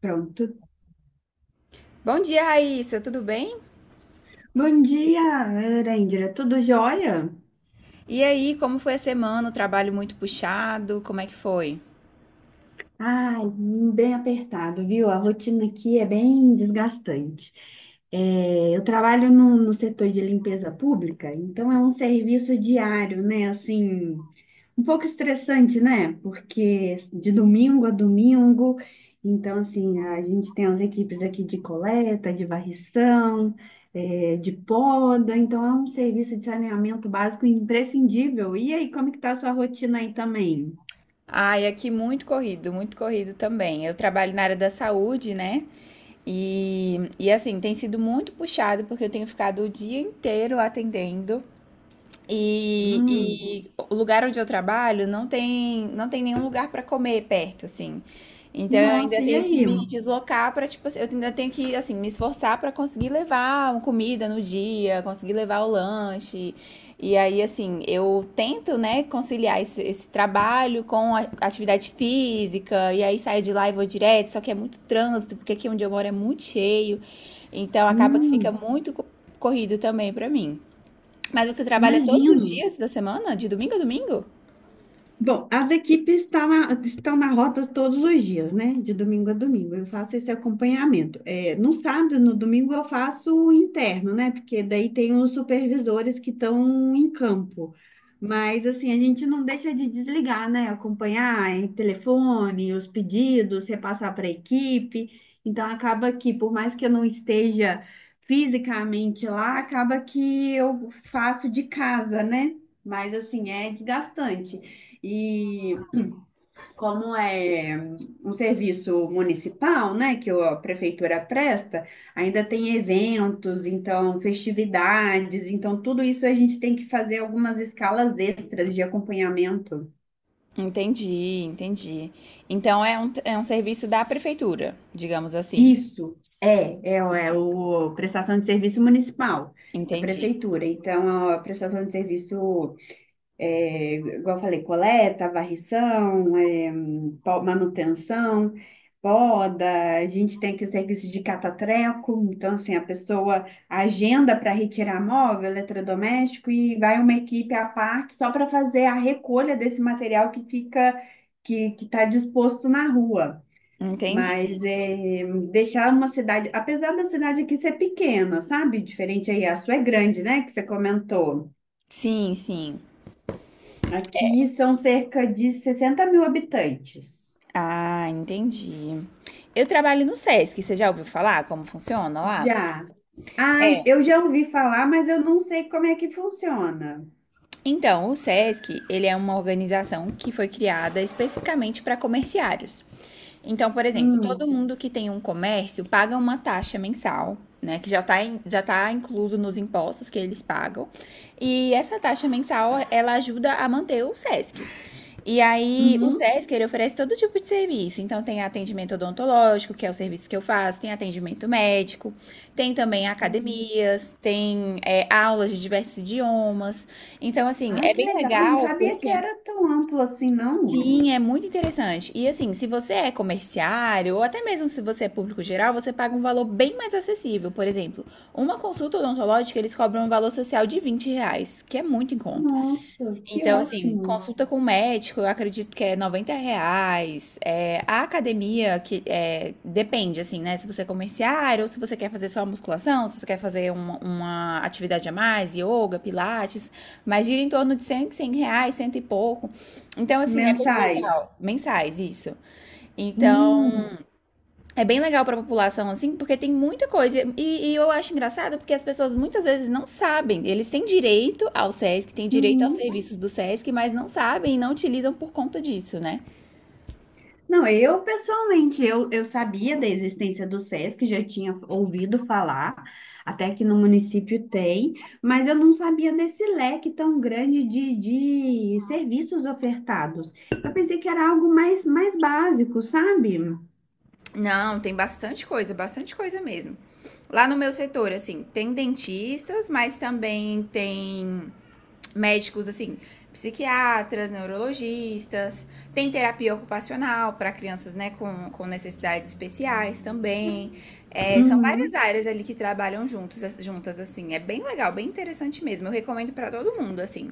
Pronto. Bom dia, Raíssa, tudo bem? Bom dia, Erendira. Tudo jóia? E aí, como foi a semana? O trabalho muito puxado? Como é que foi? Ai, bem apertado, viu? A rotina aqui é bem desgastante. É, eu trabalho no setor de limpeza pública, então é um serviço diário, né? Assim, um pouco estressante, né? Porque de domingo a domingo, então, assim, a gente tem as equipes aqui de coleta, de varrição, é, de poda, então é um serviço de saneamento básico imprescindível. E aí, como é que tá a sua rotina aí também? Ai, aqui muito corrido também. Eu trabalho na área da saúde, né? E assim, tem sido muito puxado porque eu tenho ficado o dia inteiro atendendo. E, Hum, e o lugar onde eu trabalho não tem nenhum lugar para comer perto, assim. Então eu ainda nossa, e tenho que aí? me deslocar para, tipo, assim, eu ainda tenho que, assim, me esforçar para conseguir levar uma comida no dia, conseguir levar o lanche. E aí, assim, eu tento, né, conciliar esse trabalho com a atividade física, e aí saio de lá e vou direto, só que é muito trânsito, porque aqui onde eu moro é muito cheio. Então acaba que fica Hum, muito corrido também para mim. Mas você trabalha todos os imagino. dias da semana? De domingo a domingo? Bom, as estão na rota todos os dias, né? De domingo a domingo. Eu faço esse acompanhamento. É, no sábado e no domingo, eu faço o interno, né? Porque daí tem os supervisores que estão em campo. Mas, assim, a gente não deixa de desligar, né? Acompanhar em telefone, os pedidos, repassar para a equipe. Então, acaba que, por mais que eu não esteja fisicamente lá, acaba que eu faço de casa, né? Mas assim, é desgastante. E como é um serviço municipal, né, que a prefeitura presta, ainda tem eventos, então festividades, então tudo isso a gente tem que fazer algumas escalas extras de acompanhamento. Entendi, entendi. Então é um serviço da prefeitura, digamos assim. Isso é o prestação de serviço municipal da Entendi, prefeitura. Então a prestação de serviço é, igual eu falei, coleta, varrição, é, manutenção, poda, a gente tem aqui o serviço de catatreco, então assim, a pessoa agenda para retirar móvel, eletrodoméstico e vai uma equipe à parte só para fazer a recolha desse material que fica, que está disposto na rua. entendi. Mas é, deixar uma cidade, apesar da cidade aqui ser pequena, sabe? Diferente aí, a sua é grande, né? Que você comentou. Sim, sim. Aqui são cerca de 60 mil habitantes. Ah, entendi. Eu trabalho no SESC, você já ouviu falar como funciona lá? Já. Ah, eu já ouvi falar, mas eu não sei como é que funciona. Então, o SESC, ele é uma organização que foi criada especificamente para comerciários. Então, por exemplo, todo Hum, mundo que tem um comércio paga uma taxa mensal, né, que já tá incluso nos impostos que eles pagam. E essa taxa mensal, ela ajuda a manter o SESC. E aí, o uhum. SESC, ele oferece todo tipo de serviço. Então, tem atendimento odontológico, que é o serviço que eu faço, tem atendimento médico, tem também Hum. academias, tem aulas de diversos idiomas. Então, assim, Ai, é que bem legal. Não legal sabia que porque... era tão amplo assim, não. Sim, é muito interessante. E assim, se você é comerciário, ou até mesmo se você é público geral, você paga um valor bem mais acessível. Por exemplo, uma consulta odontológica, eles cobram um valor social de R$ 20, que é muito em conta. Nossa, que Então, assim, ótimo. consulta com o médico, eu acredito que é R$ 90. É, a academia, que é, depende, assim, né? Se você é comerciário, ou se você quer fazer só musculação, se você quer fazer uma atividade a mais, yoga, pilates, mas gira em torno de 100, R$ 100, cento e pouco. Então, assim, é bem Mensais. legal. Mensais, isso. Então, Hum, é bem legal para a população, assim, porque tem muita coisa. Eu acho engraçado porque as pessoas muitas vezes não sabem. Eles têm direito ao SESC, têm direito aos uhum. serviços do SESC, mas não sabem e não utilizam por conta disso, né? Não, eu pessoalmente, eu sabia da existência do SESC, já tinha ouvido falar, até que no município tem, mas eu não sabia desse leque tão grande de serviços ofertados. Eu pensei que era algo mais, mais básico, sabe? Não, tem bastante coisa mesmo. Lá no meu setor, assim, tem dentistas, mas também tem médicos assim, psiquiatras, neurologistas, tem terapia ocupacional para crianças né, com necessidades especiais também. É, são várias Uhum. áreas ali que trabalham juntas, assim. É bem legal, bem interessante mesmo. Eu recomendo para todo mundo, assim.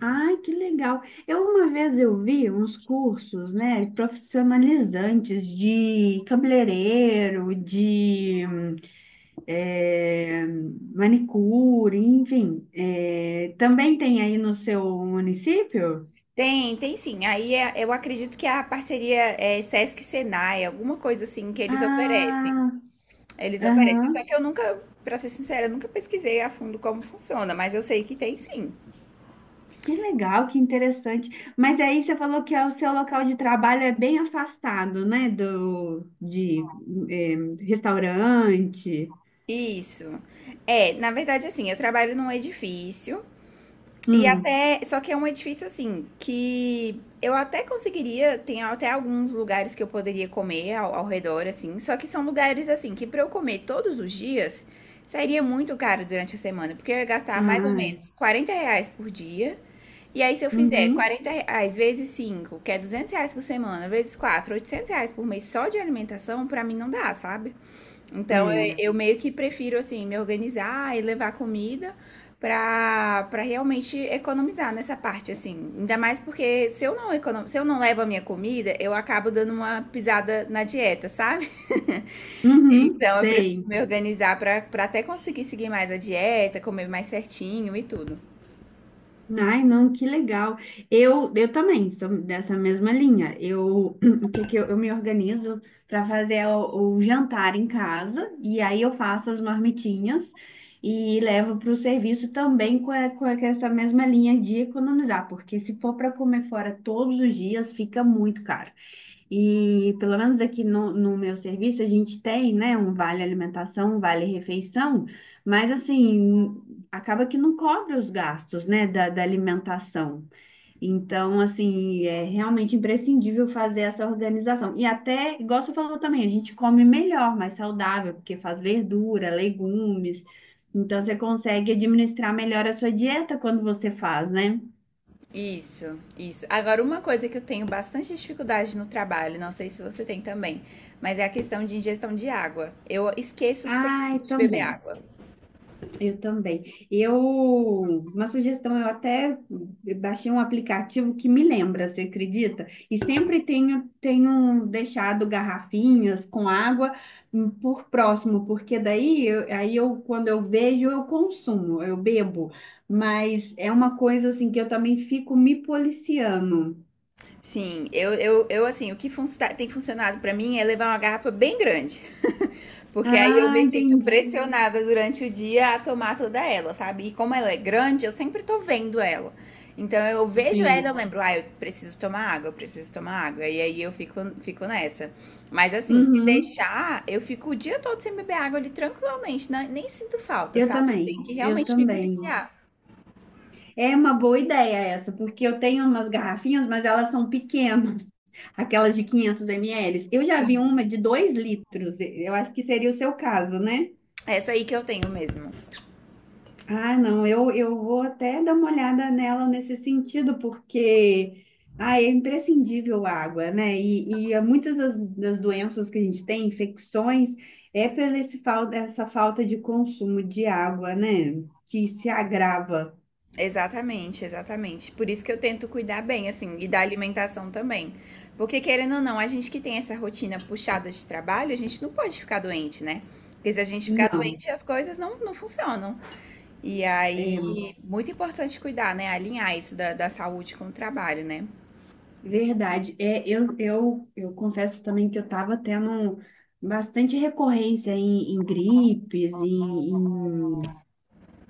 Ai, que legal. Eu uma vez eu vi uns cursos, né, profissionalizantes de cabeleireiro, de é, manicure, enfim. É, também tem aí no seu município? Tem sim. Aí eu acredito que a parceria é Sesc-Senai, alguma coisa assim que eles oferecem. Ah, Eles oferecem. Só aham. que eu nunca, para ser sincera, eu nunca pesquisei a fundo como funciona, mas eu sei que tem sim. Que legal, que interessante. Mas aí você falou que é o seu local de trabalho é bem afastado, né, do de é, restaurante. Isso. É, na verdade, assim, eu trabalho num edifício e Hum. até, só que é um edifício assim que eu até conseguiria, tem até alguns lugares que eu poderia comer ao redor, assim, só que são lugares assim que para eu comer todos os dias sairia muito caro durante a semana, porque eu ia gastar mais ou Ah, menos R$ 40 por dia. E aí, se eu fizer Uhum, R$ 40 vezes 5, que é R$ 200 por semana, vezes 4, R$ 800 por mês só de alimentação, pra mim não dá, sabe? Então, é. eu meio que prefiro, assim, me organizar e levar comida pra realmente economizar nessa parte, assim. Ainda mais porque se eu não levo a minha comida, eu acabo dando uma pisada na dieta, sabe? Uhum, Então, eu sei. prefiro me organizar pra até conseguir seguir mais a dieta, comer mais certinho e tudo. Ai, não, que legal. Eu também sou dessa mesma linha. Eu, o que eu me organizo para fazer o jantar em casa e aí eu faço as marmitinhas e levo para o serviço também com essa mesma linha de economizar, porque se for para comer fora todos os dias, fica muito caro. E pelo menos aqui no meu serviço a gente tem, né, um vale alimentação, um vale refeição, mas assim, acaba que não cobre os gastos, né, da alimentação. Então, assim, é realmente imprescindível fazer essa organização. E até, igual você falou também, a gente come melhor, mais saudável, porque faz verdura, legumes. Então, você consegue administrar melhor a sua dieta quando você faz, né? Isso, isso. Agora, uma coisa que eu tenho bastante dificuldade no trabalho, não sei se você tem também, mas é a questão de ingestão de água. Eu esqueço sempre Ai, de beber também. água. Eu também. Eu, uma sugestão, eu até baixei um aplicativo que me lembra, você acredita? E sempre tenho, tenho deixado garrafinhas com água por próximo, porque daí, quando eu vejo, eu consumo, eu bebo. Mas é uma coisa assim que eu também fico me policiando. Sim, eu assim, o que tem funcionado pra mim é levar uma garrafa bem grande, porque aí eu Ah, me sinto entendi. pressionada durante o dia a tomar toda ela, sabe? E como ela é grande, eu sempre tô vendo ela. Então eu vejo ela, eu Sim. lembro, ah, eu preciso tomar água, eu preciso tomar água, e aí eu fico nessa. Mas assim, se Uhum. deixar, eu fico o dia todo sem beber água ali tranquilamente, né? Nem sinto falta, Eu sabe? Eu tenho também, que eu realmente me também. policiar. É uma boa ideia essa, porque eu tenho umas garrafinhas, mas elas são pequenas, aquelas de 500 ml. Eu já vi Sim, uma de 2 litros, eu acho que seria o seu caso, né? essa aí que eu tenho mesmo. Ah, não, eu vou até dar uma olhada nela nesse sentido, porque ah, é imprescindível a água, né? E há muitas das doenças que a gente tem, infecções, é pela essa falta de consumo de água, né? Que se agrava. Exatamente, exatamente. Por isso que eu tento cuidar bem, assim, e da alimentação também. Porque, querendo ou não, a gente que tem essa rotina puxada de trabalho, a gente não pode ficar doente, né? Porque se a gente ficar Não. doente, as coisas não funcionam. E aí, É muito importante cuidar, né? Alinhar isso da saúde com o trabalho, né? verdade. É, eu confesso também que eu estava tendo bastante recorrência em gripes,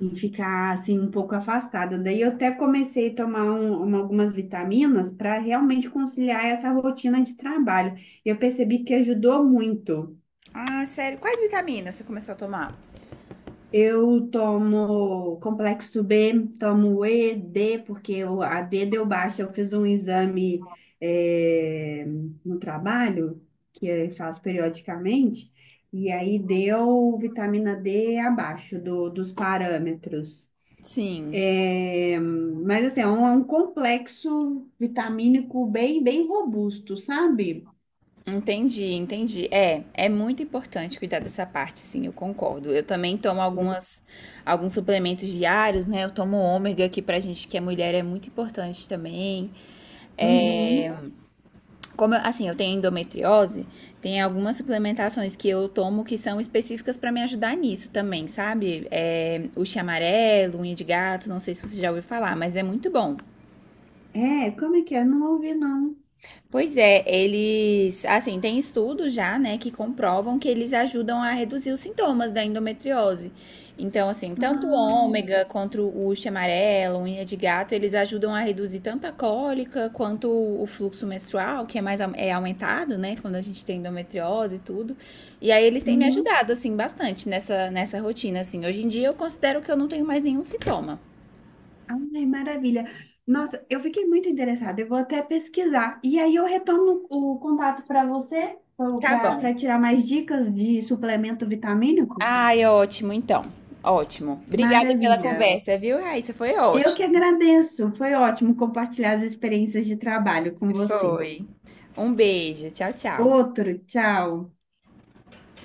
em ficar assim um pouco afastada. Daí eu até comecei a tomar algumas vitaminas para realmente conciliar essa rotina de trabalho. Eu percebi que ajudou muito. Ah, sério. Quais vitaminas você começou a tomar? Eu tomo complexo B, tomo E, D, porque o a D deu baixa. Eu fiz um exame eh, no trabalho, que eu faço periodicamente, e aí deu vitamina D abaixo dos parâmetros. Sim. Eh, mas assim, é um complexo vitamínico bem, bem robusto, sabe? Entendi, entendi. É, é muito importante cuidar dessa parte, sim, eu concordo. Eu também tomo alguns suplementos diários, né? Eu tomo ômega, que pra gente que é mulher é muito importante também. É, Uhum. como, assim, eu tenho endometriose, tem algumas suplementações que eu tomo que são específicas pra me ajudar nisso também, sabe? É, o chia amarelo, unha de gato, não sei se você já ouviu falar, mas é muito bom. É, como é que é? Não ouvi, não. Pois é, eles, assim, tem estudos já, né, que comprovam que eles ajudam a reduzir os sintomas da endometriose. Então, assim, tanto o Ah, ômega quanto o uísque amarelo, unha de gato, eles ajudam a reduzir tanto a cólica quanto o fluxo menstrual, que é mais aumentado, né, quando a gente tem endometriose e tudo. E aí eles têm me uhum. ajudado, assim, bastante nessa rotina, assim. Hoje em dia eu considero que eu não tenho mais nenhum sintoma. Ai, maravilha. Nossa, eu fiquei muito interessada. Eu vou até pesquisar. E aí eu retorno o contato para você, Tá bom. para tirar mais dicas de suplemento vitamínicos. Ai, ótimo, então. Ótimo. Obrigada pela Maravilha. conversa, viu, Raíssa? Foi Eu que ótimo. agradeço. Foi ótimo compartilhar as experiências de trabalho com você. Foi. Um beijo. Tchau, tchau. Outro, tchau.